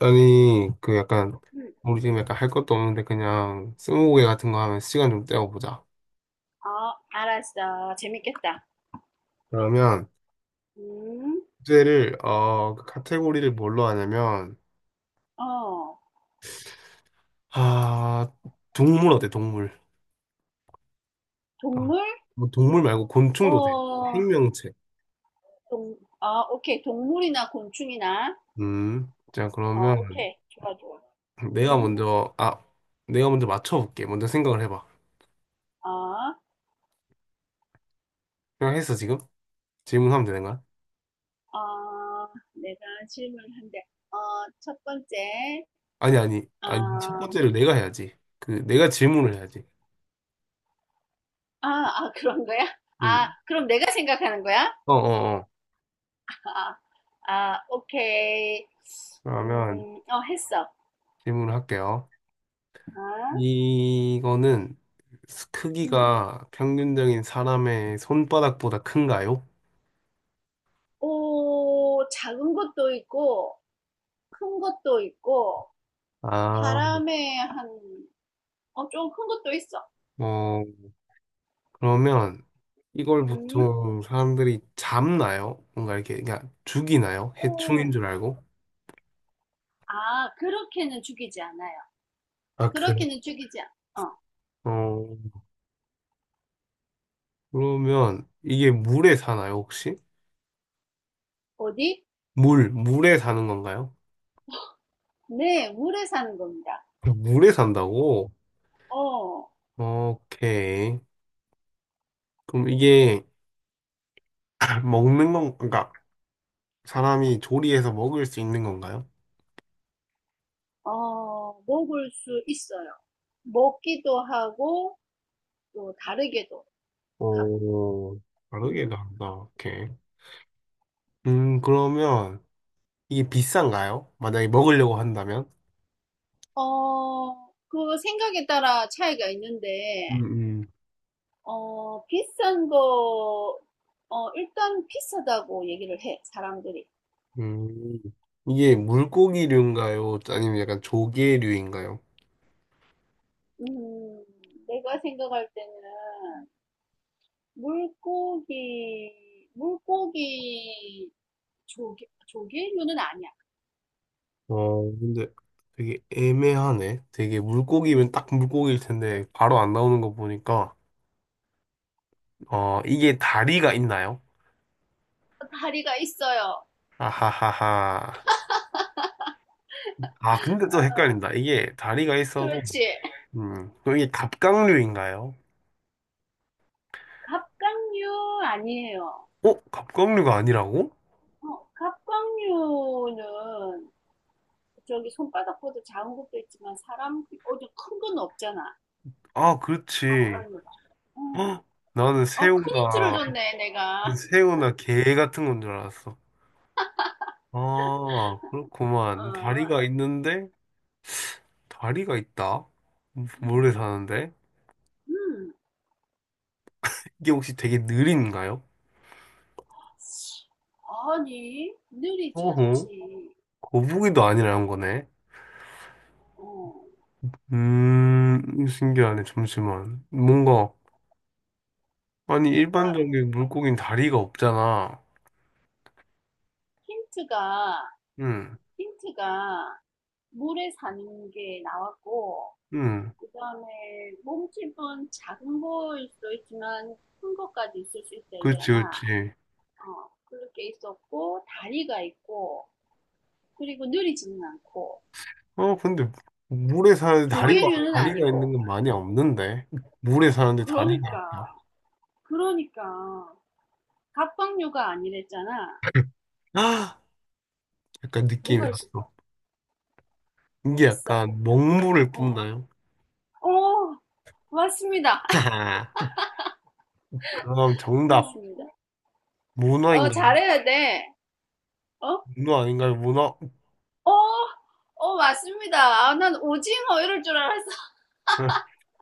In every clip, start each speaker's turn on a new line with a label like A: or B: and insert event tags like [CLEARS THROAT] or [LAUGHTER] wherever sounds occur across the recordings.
A: 아니, 그 약간,
B: 음,
A: 우리 지금 약간 할 것도 없는데 그냥 스무고개 같은 거 하면 시간 좀 때워보자.
B: 알았어. 재밌겠다.
A: 그러면
B: 음,
A: 주제를, 그 카테고리를 뭘로 하냐면,
B: 어,
A: 아, 동물 어때, 동물? 아,
B: 동물?
A: 뭐 동물 말고 곤충도 돼.
B: 어,
A: 생명체.
B: 오케이. 동물이나 곤충이나.
A: 자, 그러면
B: 오케이. 좋아, 좋아.
A: 내가
B: 음,
A: 먼저, 아, 내가 먼저 맞춰볼게. 먼저 생각을 해봐.
B: 어,
A: 생각했어, 지금? 질문하면 되는 거야?
B: 내가 질문을 한대. 어, 첫 번째.
A: 아니, 아니,
B: 어,
A: 아니, 첫
B: 아,
A: 번째를 내가 해야지. 그, 내가 질문을 해야지.
B: [LAUGHS] 그런 거야? 아,
A: 음,
B: 그럼 내가 생각하는 거야?
A: 어, 어, 어.
B: 아, 오케이.
A: 그러면
B: 했어.
A: 질문을 할게요.
B: 아,
A: 이거는
B: 음.
A: 크기가 평균적인 사람의 손바닥보다 큰가요?
B: 오, 작은 것도 있고, 큰 것도 있고,
A: 아,
B: 사람의 한, 좀 큰 것도 있어.
A: 어, 그러면 이걸
B: 음?
A: 보통 사람들이 잡나요? 뭔가 이렇게 그냥 죽이나요?
B: 오,
A: 해충인 줄 알고?
B: 아, 그렇게는 죽이지 않아요.
A: 아, 그래.
B: 그렇게는 죽이지 않, 어,
A: 어, 그러면 이게 물에 사나요, 혹시?
B: 어디?
A: 물에 사는 건가요?
B: 네, 물에 사는 겁니다.
A: 물에 산다고?
B: 어,
A: 오케이. 그럼 이게 [CLEARS THROAT] 먹는 건, 그러니까 사람이 조리해서 먹을 수 있는 건가요?
B: 먹을 수 있어요. 먹기도 하고, 또 다르게도 하고.
A: 어, 다르게
B: 음.
A: 간다. 오케이. 그러면 이게 비싼가요? 만약에 먹으려고 한다면?
B: 어, 그 생각에 따라 차이가 있는데,
A: 음, 음.
B: 어, 비싼 거, 일단 비싸다고 얘기를 해, 사람들이.
A: 음, 이게 물고기류인가요? 아니면 약간 조개류인가요?
B: 음, 내가 생각할 때는 물고기, 물고기 조개류는 아니야.
A: 어, 근데 되게 애매하네. 되게
B: 음.
A: 물고기면 딱 물고기일 텐데 바로 안 나오는 거 보니까 어, 이게 다리가 있나요?
B: 다리가 있어요.
A: 아하하하. 아, 근데 또
B: 어,
A: 헷갈린다. 이게 다리가 있어도
B: 그렇지.
A: 그럼 이게 갑각류인가요?
B: 갑각류 아니에요.
A: 어? 갑각류가 아니라고?
B: 어, 갑각류는 저기 손바닥보다 작은 것도 있지만 사람 어디 큰 건 없잖아.
A: 아, 그렇지.
B: 갑각류가.
A: [GASPS]
B: 응.
A: 헉, 나는
B: 어, 큰 힌트를
A: 새우나,
B: 줬네, 내가.
A: 새우나 게 같은 건 줄 알았어. 아, 그렇구만.
B: 어,
A: 다리가 있는데, 다리가 있다?
B: 음,
A: 모래 사는데?
B: 음.
A: 이게 혹시 되게 느린가요?
B: 아니, 느리지
A: 어허,
B: 않지.
A: 거북이도 아니라는 거네.
B: 어,
A: 신기하네. 잠시만. 뭔가, 아니,
B: 나
A: 일반적인 물고기는 다리가 없잖아.
B: 힌트가,
A: 응,
B: 힌트가 물에 사는 게 나왔고,
A: 응.
B: 그 다음에 몸집은 작은 거일 수도 있지만 큰 것까지 있을 수 있다
A: 그렇지,
B: 했잖아.
A: 그렇지.
B: 어, 그렇게 있었고, 다리가 있고, 그리고 느리지는 않고,
A: 어, 근데 물에 사는데 다리가,
B: 조개류는
A: 다리가 있는
B: 아니고.
A: 건 많이 없는데. 물에 사는데 다리가
B: 그러니까,
A: 있다.
B: 그러니까. 갑각류가 아니랬잖아.
A: 아, 약간 느낌이
B: 뭐가
A: 왔어.
B: 있을까?
A: 이게
B: 비싸고.
A: 약간 먹물을
B: 어,
A: 뿜나요?
B: 어, 맞습니다.
A: [LAUGHS] 하하. 그럼 정답.
B: 맞습니다. 어,
A: 문어인가요?
B: 잘해야 돼. 어?
A: 문어 아닌가요? 문어? [LAUGHS]
B: 어? 어, 맞습니다. 아, 난 오징어 이럴 줄 알았어.
A: 응.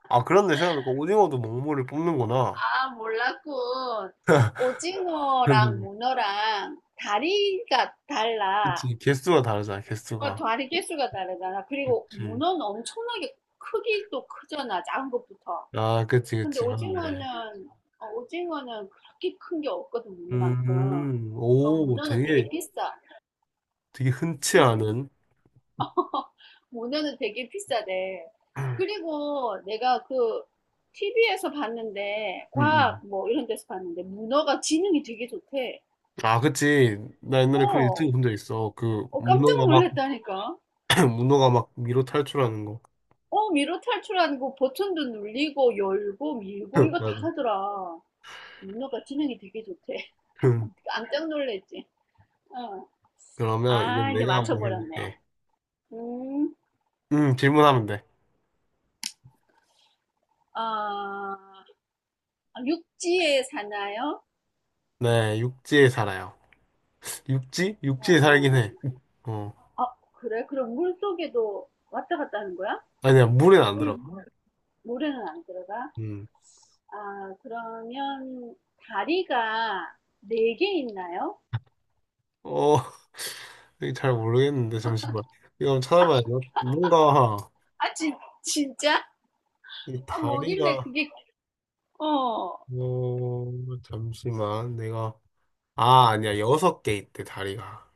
A: 아, 그런데 생각해보니까 오징어도 먹물을 뿜는구나.
B: 아,
A: [LAUGHS]
B: 몰랐군. 오징어랑
A: 그렇네.
B: 문어랑 다리가 달라.
A: 그치. 개수가 다르잖아,
B: 어,
A: 개수가.
B: 다리 개수가 다르잖아. 그리고
A: 그치.
B: 문어는 엄청나게 크기도 크잖아. 작은 것부터.
A: 아, 그치,
B: 근데
A: 그치. 맞네.
B: 오징어는, 오징어는 그렇게 큰 게 없거든, 문어만큼. 그
A: 오,
B: 문어는 되게
A: 되게,
B: 비싸.
A: 되게 흔치
B: 응.
A: 않은.
B: 모노는 되게 비싸대.
A: [CLEARS THROAT]
B: 그리고 내가 그 TV에서 봤는데,
A: 음,
B: 과학
A: 음.
B: 뭐 이런 데서 봤는데, 문어가 지능이 되게 좋대.
A: 아, 그치. 나 옛날에 그런
B: 어,
A: 유튜브 본 적 있어. 그,
B: 깜짝
A: 문어가 막,
B: 놀랐다니까.
A: [CLEARS THROAT] 문어가 막 위로 탈출하는 거.
B: 어, 미로 탈출하는 거 버튼도 눌리고, 열고, 밀고,
A: [CLEARS THROAT] [LAUGHS]
B: 이거 다
A: 맞아.
B: 하더라. 문어가 지능이 되게 좋대. [LAUGHS]
A: [LAUGHS]
B: 깜짝 놀랬지. 어.
A: 그러면 이제
B: 아, 이제
A: 내가 한번
B: 맞춰버렸네.
A: 해볼게.
B: 음,
A: 질문하면 돼.
B: 아, 육지에 사나요?
A: 네, 육지에 살아요. 육지?
B: 그
A: 육지에 살긴
B: 러
A: 해. 어.
B: 아, 그래? 그럼 물 속에도 왔다 갔다 하는 거야?
A: 아니야, 물엔 안
B: 물,
A: 들어가.
B: 모래는 안 들어가?
A: 음.
B: 아, 그러면 다리가 네 개 있나요?
A: 어, [LAUGHS] 이거 잘 모르겠는데, 잠시만. 이거 한번 찾아봐야 돼. 뭔가,
B: 아, 진짜?
A: 이
B: 아, 뭐길래
A: 다리가,
B: 그게, 어.
A: 잠시만. 아, 아니야. 여섯 개 있대, 다리가.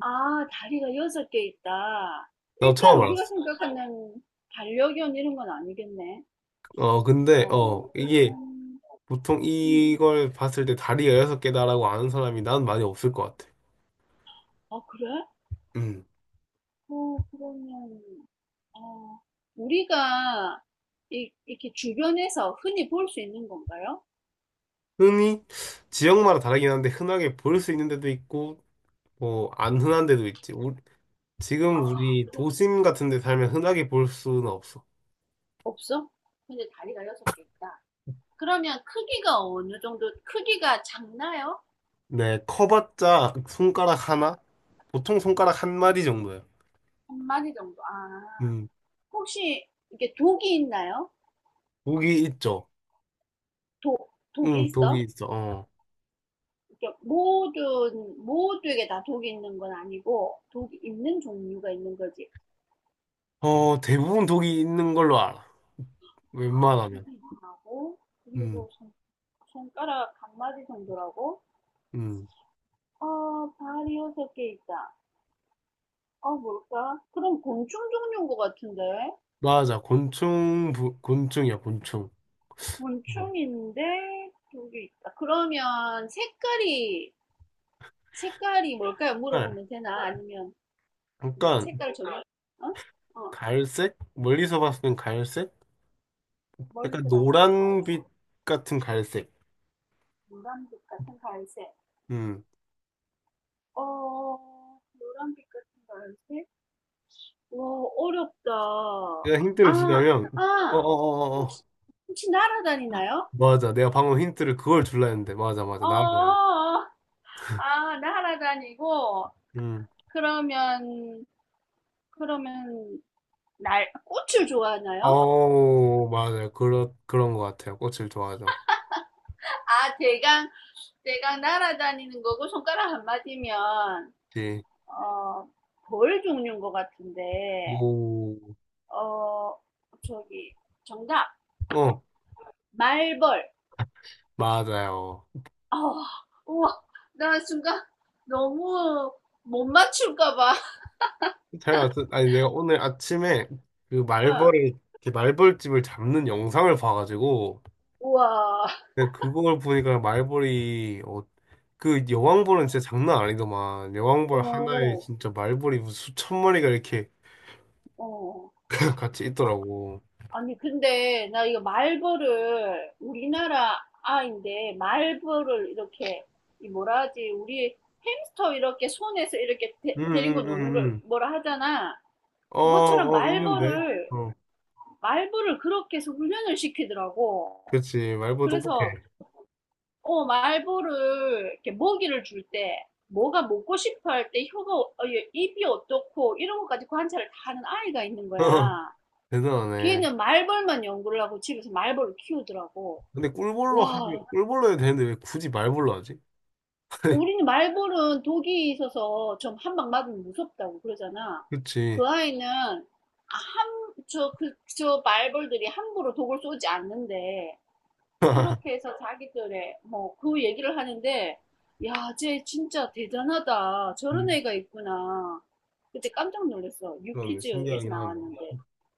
B: 아, 다리가 여섯 개 있다.
A: 나
B: 일단
A: 처음
B: 우리가
A: 알았어.
B: 생각하는 반려견 이런 건 아니겠네.
A: 어, 근데,
B: 어,
A: 이게
B: 일단,
A: 보통
B: 음.
A: 이걸 봤을 때 다리가 여섯 개다라고 아는 사람이 난 많이 없을 것 같아.
B: 아, 그래?
A: 음.
B: 어, 그러면, 어, 우리가 이렇게 주변에서 흔히 볼 수 있는 건가요?
A: 흔히, 지역마다 다르긴 한데, 흔하게 볼 수 있는 데도 있고, 뭐, 안 흔한 데도 있지.
B: 아,
A: 지금 우리
B: 그래?
A: 도심 같은 데 살면 흔하게 볼 수는 없어.
B: 없어? 근데 다리가 여섯 개 있다. 그러면 크기가 어느 정도, 크기가 작나요?
A: 네, 커봤자 손가락
B: 응.
A: 하나? 보통 손가락 한 마디 정도야.
B: 한 마리 정도. 아,
A: 음,
B: 혹시 이게 독이 있나요?
A: 독이 있죠.
B: 독이
A: 응, 독이
B: 있어?
A: 있어.
B: 이렇게 모두에게 다 독이 있는 건 아니고, 독이 있는 종류가 있는 거지.
A: 어, 대부분 독이 있는 걸로 알아.
B: 아,
A: 웬만하면.
B: 독이 있다고?
A: 음,
B: 그리고 손, 손가락 한 마리 정도라고?
A: 음.
B: 아, 발이 여섯 개 있다. 아, 뭘까? 그럼 곤충 종류인 것 같은데?
A: 맞아. 곤충, 곤충이야, 곤충. 어.
B: 곤충인데 여기 있다. 그러면 색깔이 뭘까요?
A: 네.
B: 물어보면 되나? 아니면 내가
A: 약간,
B: 색깔을 정해? 어? 어.
A: 갈색? 멀리서 봤을 땐 갈색? 약간
B: 멀리서 봤을 땐 갈색,
A: 노란빛 같은 갈색.
B: 노란빛 같은 갈색.
A: 음.
B: 어, 노란빛 같은 갈색? 와, 어렵다.
A: 내가
B: 아,
A: 힌트를 주려면, 어어
B: 아,
A: 어어
B: 혹시 혹시 날아다니나요?
A: 맞아. 내가 방금 힌트를 그걸 줄라 했는데. 맞아, 맞아.
B: 어,
A: 나만
B: 어, 어. 아, 날아다니고
A: 음.
B: 그러면 그러면 날 꽃을 좋아하나요?
A: 어 맞아요. 그런 것 같아요. 꽃을 좋아하죠.
B: 아, 대강, 대강 날아다니는 거고 손가락 한 마디면,
A: 예.
B: 어, 벌 종류인 것 같은데,
A: 오.
B: 어, 저기, 정답.
A: 어,
B: 말벌.
A: 맞아요.
B: 어, 우와, 나 순간 너무 못 맞출까 봐.
A: 잘 왔어. 아니, 내가 오늘 아침에 그
B: 응.
A: 말벌이, 이렇게 말벌집을 잡는 영상을 봐가지고,
B: 우와.
A: 근데 그걸 보니까 말벌이, 그 여왕벌은 진짜 장난 아니더만. 여왕벌 하나에
B: 어,
A: 진짜 말벌이 무슨 수천 마리가 이렇게
B: 어.
A: [LAUGHS] 같이 있더라고.
B: 아니, 근데 나 이거 말벌을 우리나라 아인데 말벌을 이렇게 이 뭐라 하지? 우리 햄스터 이렇게 손에서 이렇게 데,
A: 응,
B: 리고
A: 응, 응,
B: 노는 걸
A: 응.
B: 뭐라 하잖아.
A: 어,
B: 그것처럼
A: 어, 있는데.
B: 말벌을
A: 어,
B: 말벌을 그렇게 해서 훈련을 시키더라고.
A: 그렇지. 말벌 똑똑해.
B: 그래서 어 말벌을 이렇게 먹이를 줄 때 뭐가 먹고 싶어 할 때 입이 어떻고 이런 것까지 관찰을 다 하는 아이가 있는
A: [LAUGHS]
B: 거야.
A: 대단하네.
B: 걔는 말벌만 연구를 하고 집에서 말벌을 키우더라고.
A: 근데
B: 와,
A: 꿀벌로 해도 되는데 왜 굳이 말벌로 하지?
B: 우리는 말벌은 독이 있어서 좀 한 방 맞으면 무섭다고 그러잖아.
A: 그치.
B: 그 아이는 아, 저, 그, 저 말벌들이 함부로 독을 쏘지 않는데, 그렇게 해서 자기들의, 뭐, 그 얘기를 하는데, 야, 쟤 진짜 대단하다. 저런
A: 음.
B: 애가 있구나. 그때 깜짝 놀랐어.
A: 그러네.
B: 유퀴즈에서
A: 신기하긴 하네.
B: 나왔는데.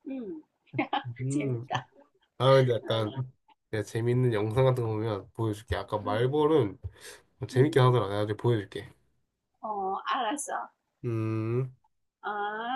B: 음, [LAUGHS]
A: 음.
B: 재밌다.
A: 아, 근데
B: 응,
A: 약간 내가 재밌는 영상 같은 거 보면 보여줄게. 아까
B: 응,
A: 말벌은
B: 응.
A: 재밌긴 하더라. 내가 나중에 보여줄게.
B: 어, 알았어.
A: 음.
B: 아.